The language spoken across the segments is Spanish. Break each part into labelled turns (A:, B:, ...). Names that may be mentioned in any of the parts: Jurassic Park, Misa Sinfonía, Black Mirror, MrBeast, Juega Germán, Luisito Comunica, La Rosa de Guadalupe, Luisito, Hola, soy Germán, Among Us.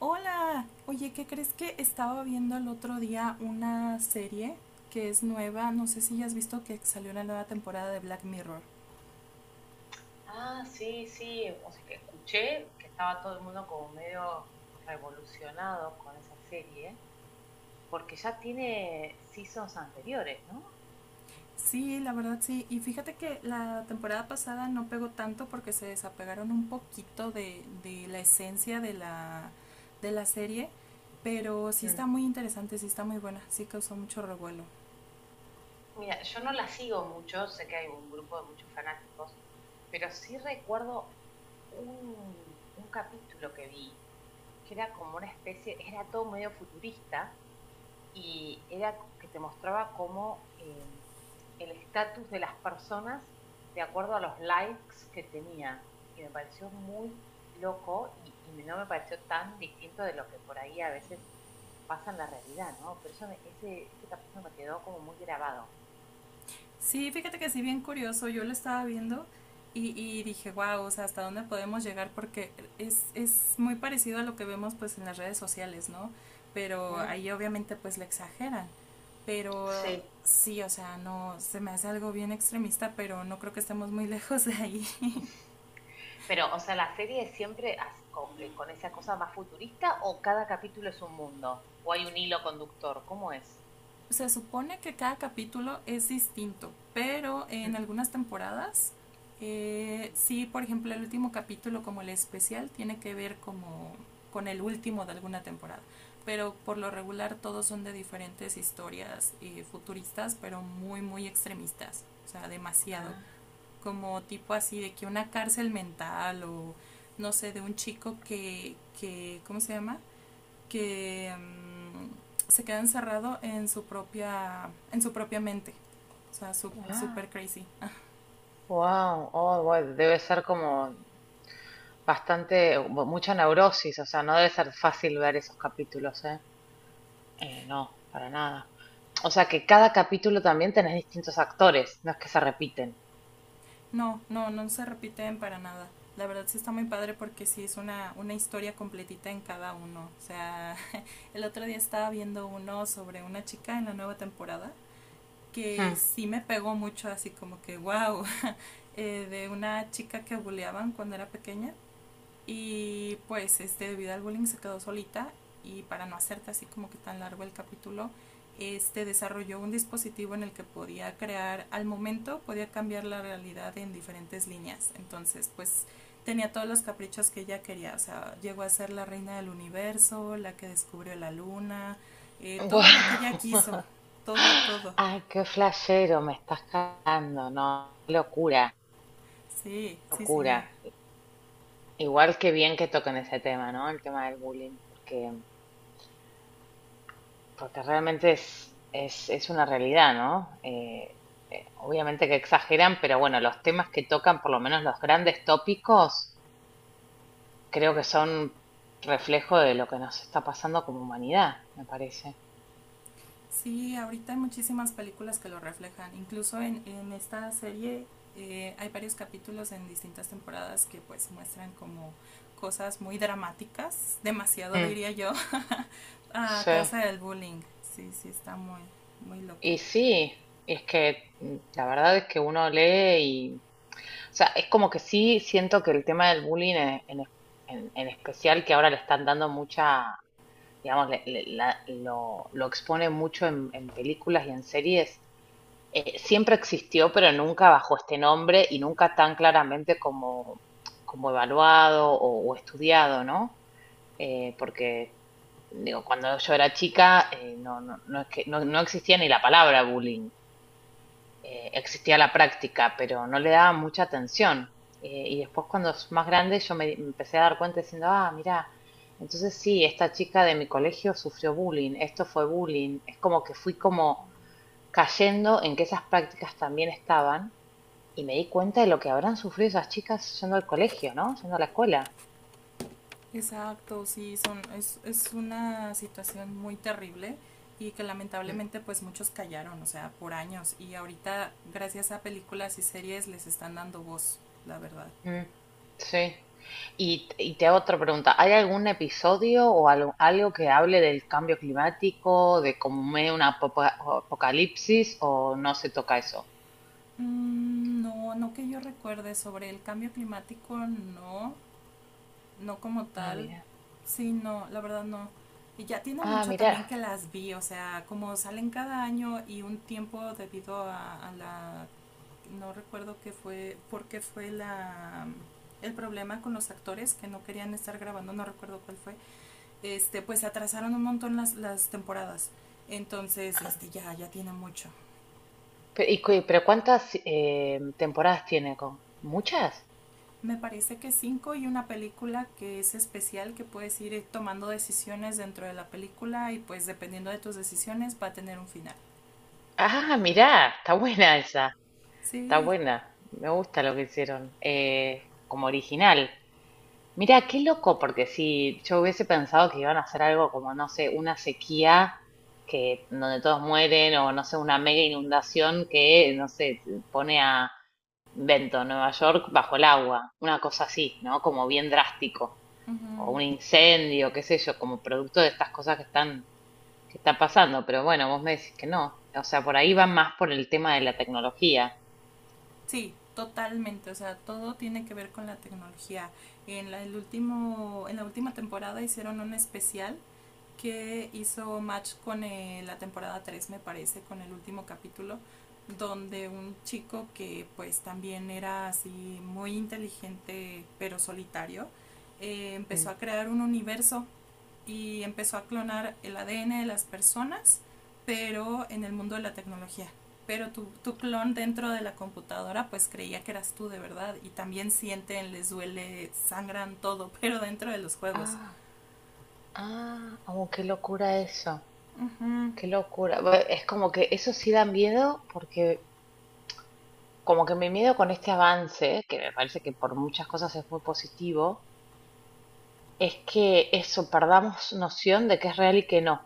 A: Hola, oye, ¿qué crees que estaba viendo el otro día una serie que es nueva? No sé si ya has visto que salió la nueva temporada de Black Mirror.
B: Ah, sí, sí, o sea, que escuché que estaba todo el mundo como medio revolucionado con esa serie, porque ya tiene seasons anteriores, ¿no?
A: Sí, la verdad sí. Y fíjate que la temporada pasada no pegó tanto porque se desapegaron un poquito de la esencia de la serie, pero sí
B: Mm.
A: está muy interesante, sí está muy buena, sí causó mucho revuelo.
B: Mira, yo no la sigo mucho, sé que hay un grupo de muchos fanáticos, pero sí recuerdo un capítulo que vi, que era como una especie, era todo medio futurista y era que te mostraba cómo el estatus de las personas de acuerdo a los likes que tenía. Y me pareció muy loco y no me pareció tan distinto de lo que por ahí a veces pasa en la realidad, ¿no? Pero ese capítulo me quedó como muy grabado.
A: Sí, fíjate que sí, bien curioso, yo lo estaba viendo y dije, wow, o sea, ¿hasta dónde podemos llegar? Porque es muy parecido a lo que vemos pues en las redes sociales, ¿no? Pero
B: Mm.
A: ahí obviamente pues le exageran, pero
B: Sí.
A: sí, o sea, no, se me hace algo bien extremista, pero no creo que estemos muy lejos de ahí.
B: Pero, o sea, la serie siempre así, con esa cosa más futurista, o cada capítulo es un mundo, o hay un hilo conductor, ¿cómo es?
A: Se supone que cada capítulo es distinto, pero en
B: Mm.
A: algunas temporadas, sí, por ejemplo, el último capítulo como el especial tiene que ver como con el último de alguna temporada, pero por lo regular todos son de diferentes historias, futuristas, pero muy, muy extremistas, o sea, demasiado,
B: Ah,
A: como tipo así de que una cárcel mental o no sé, de un chico que ¿cómo se llama? Que se queda encerrado en su propia mente. O sea, súper
B: ah,
A: crazy.
B: wow, oh, bueno, debe ser como bastante, mucha neurosis, o sea, no debe ser fácil ver esos capítulos, ¿eh? No, para nada. O sea, que cada capítulo también tenés distintos actores, no es que se repiten.
A: No, no, no se repiten para nada. La verdad sí está muy padre porque sí es una historia completita en cada uno. O sea, el otro día estaba viendo uno sobre una chica en la nueva temporada que
B: Hmm.
A: sí me pegó mucho, así como que wow. De una chica que buleaban cuando era pequeña. Y pues este, debido al bullying se quedó solita y para no hacerte así como que tan largo el capítulo, este desarrolló un dispositivo en el que podía crear al momento, podía cambiar la realidad en diferentes líneas. Entonces, pues tenía todos los caprichos que ella quería. O sea, llegó a ser la reina del universo, la que descubrió la luna, todo lo que ella
B: Guau.
A: quiso, todo, todo.
B: Ay, qué flashero, me estás cagando, no, qué locura,
A: Sí,
B: qué
A: sí, sí.
B: locura. Igual que bien que toquen ese tema, ¿no? El tema del bullying, porque realmente es una realidad, ¿no? Obviamente que exageran, pero bueno, los temas que tocan, por lo menos los grandes tópicos, creo que son reflejo de lo que nos está pasando como humanidad, me parece.
A: Sí, ahorita hay muchísimas películas que lo reflejan. Incluso en esta serie, hay varios capítulos en distintas temporadas que pues muestran como cosas muy dramáticas, demasiado
B: Mm,
A: diría yo, a
B: sí.
A: causa del bullying. Sí, sí, está muy, muy loco.
B: Y sí, es que la verdad es que uno lee y, o sea, es como que sí siento que el tema del bullying en en especial, que ahora le están dando mucha, digamos, lo expone mucho en películas y en series. Siempre existió, pero nunca bajo este nombre y nunca tan claramente como, como evaluado o estudiado, ¿no? Porque, digo, cuando yo era chica, no, no, no es que, no, no existía ni la palabra bullying. Existía la práctica, pero no le daba mucha atención. Y después cuando es más grande yo me empecé a dar cuenta diciendo, ah, mirá, entonces sí, esta chica de mi colegio sufrió bullying, esto fue bullying. Es como que fui como cayendo en que esas prácticas también estaban y me di cuenta de lo que habrán sufrido esas chicas yendo al colegio, ¿no? Yendo a la escuela.
A: Exacto, sí, es una situación muy terrible y que
B: Mm.
A: lamentablemente pues muchos callaron, o sea, por años. Y ahorita gracias a películas y series les están dando voz, la verdad.
B: Mm, sí. Y te hago otra pregunta. ¿Hay algún episodio o algo que hable del cambio climático, de como medio una apocalipsis, o no se toca eso?
A: Mm, no, no que yo recuerde sobre el cambio climático, no, no como
B: Ah,
A: tal,
B: mira.
A: sí, no, la verdad no. Y ya tiene
B: Ah,
A: mucho
B: mira.
A: también que las vi, o sea, como salen cada año y un tiempo debido a la, no recuerdo qué fue, porque fue el problema con los actores que no querían estar grabando, no recuerdo cuál fue, este, pues se atrasaron un montón las temporadas. Entonces,
B: Ah,
A: este, ya, ya tiene mucho.
B: pero ¿cuántas temporadas tiene con? ¿Muchas?
A: Me parece que cinco y una película que es especial, que puedes ir, tomando decisiones dentro de la película y pues dependiendo de tus decisiones va a tener un final.
B: Ah, mirá, está buena esa, está
A: Sí,
B: buena, me gusta lo que hicieron, como original. Mira, qué loco, porque si yo hubiese pensado que iban a hacer algo como, no sé, una sequía que donde todos mueren, o no sé, una mega inundación que, no sé, pone a Vento, Nueva York, bajo el agua, una cosa así, ¿no? Como bien drástico, o un incendio, qué sé yo, como producto de estas cosas que están pasando, pero bueno, vos me decís que no. O sea, por ahí va más por el tema de la tecnología.
A: sí, totalmente. O sea, todo tiene que ver con la tecnología. En la última temporada hicieron un especial que hizo match con, la temporada 3 me parece, con el último capítulo, donde un chico que pues también era así muy inteligente pero solitario, empezó
B: Mm.
A: a crear un universo y empezó a clonar el ADN de las personas, pero en el mundo de la tecnología. Pero tu clon dentro de la computadora pues creía que eras tú de verdad y también sienten, les duele, sangran todo, pero dentro de los juegos.
B: Ah, ah, oh, qué locura eso.
A: Ujú,
B: Qué locura. Es como que eso sí da miedo, porque como que mi miedo con este avance, que me parece que por muchas cosas es muy positivo, es que eso, perdamos noción de que es real y que no.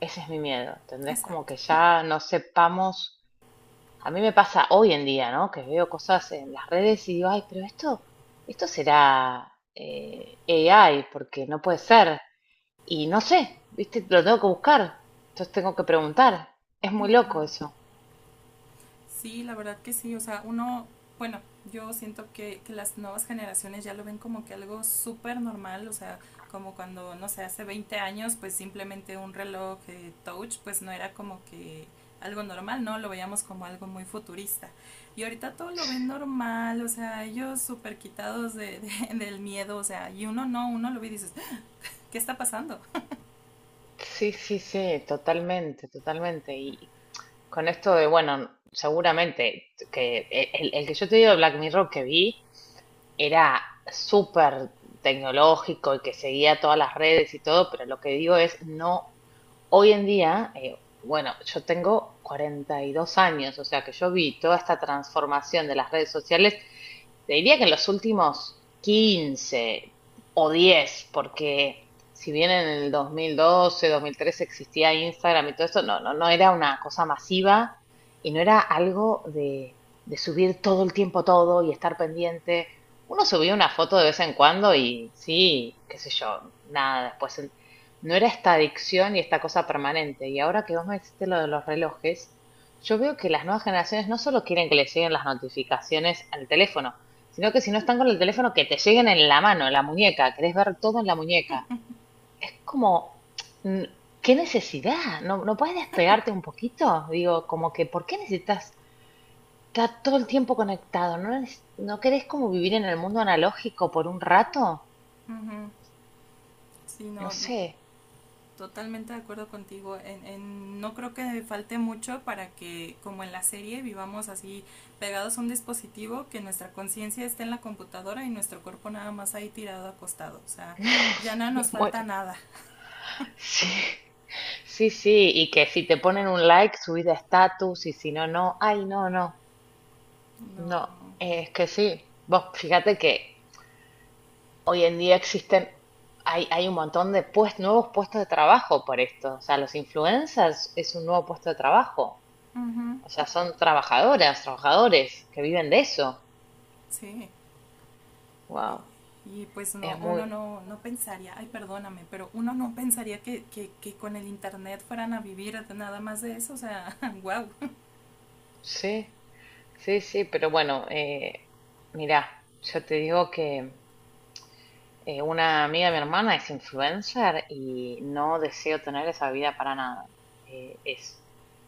B: Ese es mi miedo, ¿entendés? Como
A: exacto.
B: que ya no sepamos. A mí me pasa hoy en día, ¿no? Que veo cosas en las redes y digo, ay, pero esto será AI, porque no puede ser. Y no sé, ¿viste? Lo tengo que buscar. Entonces tengo que preguntar. Es muy
A: Ujú.
B: loco eso.
A: Sí, la verdad que sí. O sea, uno, bueno, yo siento que las nuevas generaciones ya lo ven como que algo súper normal. O sea, como cuando, no sé, hace 20 años, pues simplemente un reloj, touch, pues no era como que algo normal, ¿no? Lo veíamos como algo muy futurista. Y ahorita todo lo ven normal, o sea, ellos súper quitados del miedo, o sea, y uno no, uno lo ve y dices, "Ah, ¿qué está pasando?
B: Sí, sí, sí, totalmente, totalmente. Y con esto de, bueno, seguramente que el que yo te digo de Black Mirror que vi era súper tecnológico y que seguía todas las redes y todo, pero lo que digo es, no, hoy en día, bueno, yo tengo 42 años, o sea que yo vi toda esta transformación de las redes sociales, te diría que en los últimos 15 o 10, porque si bien en el 2012, 2013 existía Instagram y todo esto, no, no, no era una cosa masiva, y no era algo de subir todo el tiempo todo y estar pendiente. Uno subía una foto de vez en cuando y sí, qué sé yo, nada, después no era esta adicción y esta cosa permanente. Y ahora que vos me dijiste lo de los relojes, yo veo que las nuevas generaciones no solo quieren que les lleguen las notificaciones al teléfono, sino que si no están con el teléfono, que te lleguen en la mano, en la muñeca. Querés ver todo en la muñeca. Es como, mm, ¿qué necesidad? ¿No no puedes despegarte un poquito? Digo, como que, ¿por qué necesitas estar todo el tiempo conectado? ¿No, no querés como vivir en el mundo analógico por un rato?
A: Ujú. Sí,
B: No
A: no,
B: sé.
A: totalmente de acuerdo contigo. No creo que falte mucho para que, como en la serie, vivamos así pegados a un dispositivo, que nuestra conciencia esté en la computadora y nuestro cuerpo nada más ahí tirado acostado. O sea, ya no
B: Me
A: nos falta
B: muero.
A: nada.
B: Sí. Sí, sí, y que si te ponen un like, subís de estatus, y si no, no. Ay, no, no, no.
A: No.
B: Es que sí. Vos fíjate que hoy en día existen, hay un montón de, pues, nuevos puestos de trabajo por esto. O sea, los influencers es un nuevo puesto de trabajo.
A: Uh -huh.
B: O sea, son trabajadoras, trabajadores que viven de eso.
A: Sí.
B: Wow,
A: Y, y pues
B: es
A: no, uno
B: muy,
A: no pensaría, ay, perdóname, pero uno no pensaría que con el internet fueran a vivir nada más de eso. O sea, wow.
B: sí, sí, sí, pero bueno, mirá, yo te digo que una amiga de mi hermana es influencer y no deseo tener esa vida para nada. Es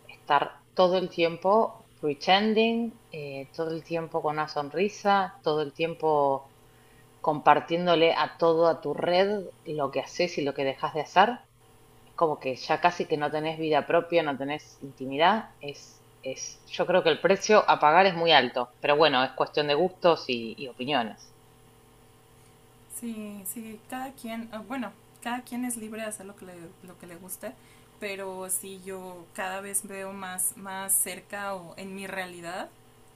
B: estar todo el tiempo pretending, todo el tiempo con una sonrisa, todo el tiempo compartiéndole a todo a tu red lo que haces y lo que dejas de hacer. Es como que ya casi que no tenés vida propia, no tenés intimidad. Yo creo que el precio a pagar es muy alto, pero bueno, es cuestión de gustos y opiniones.
A: Sí, sí, cada quien, ah, bueno, cada quien es libre de hacer lo que le guste, pero sí yo cada vez veo más, más cerca o en mi realidad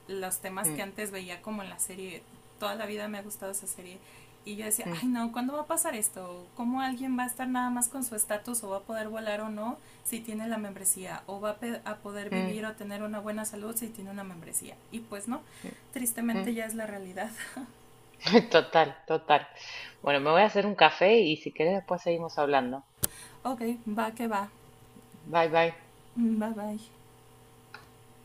A: los temas que
B: Mm,
A: antes veía como en la serie, toda la vida me ha gustado esa serie y yo decía,
B: mm,
A: ay, no, ¿cuándo va a pasar esto? ¿Cómo alguien va a estar nada más con su estatus o va a poder volar o no si tiene la membresía? ¿O va a poder
B: mm,
A: vivir o tener una buena salud si tiene una membresía? Y pues no,
B: mm, mm.
A: tristemente ya es la realidad.
B: Total, total. Bueno, me voy a hacer un café y si querés después seguimos hablando.
A: Ok, va que va.
B: Bye, bye.
A: Bye bye.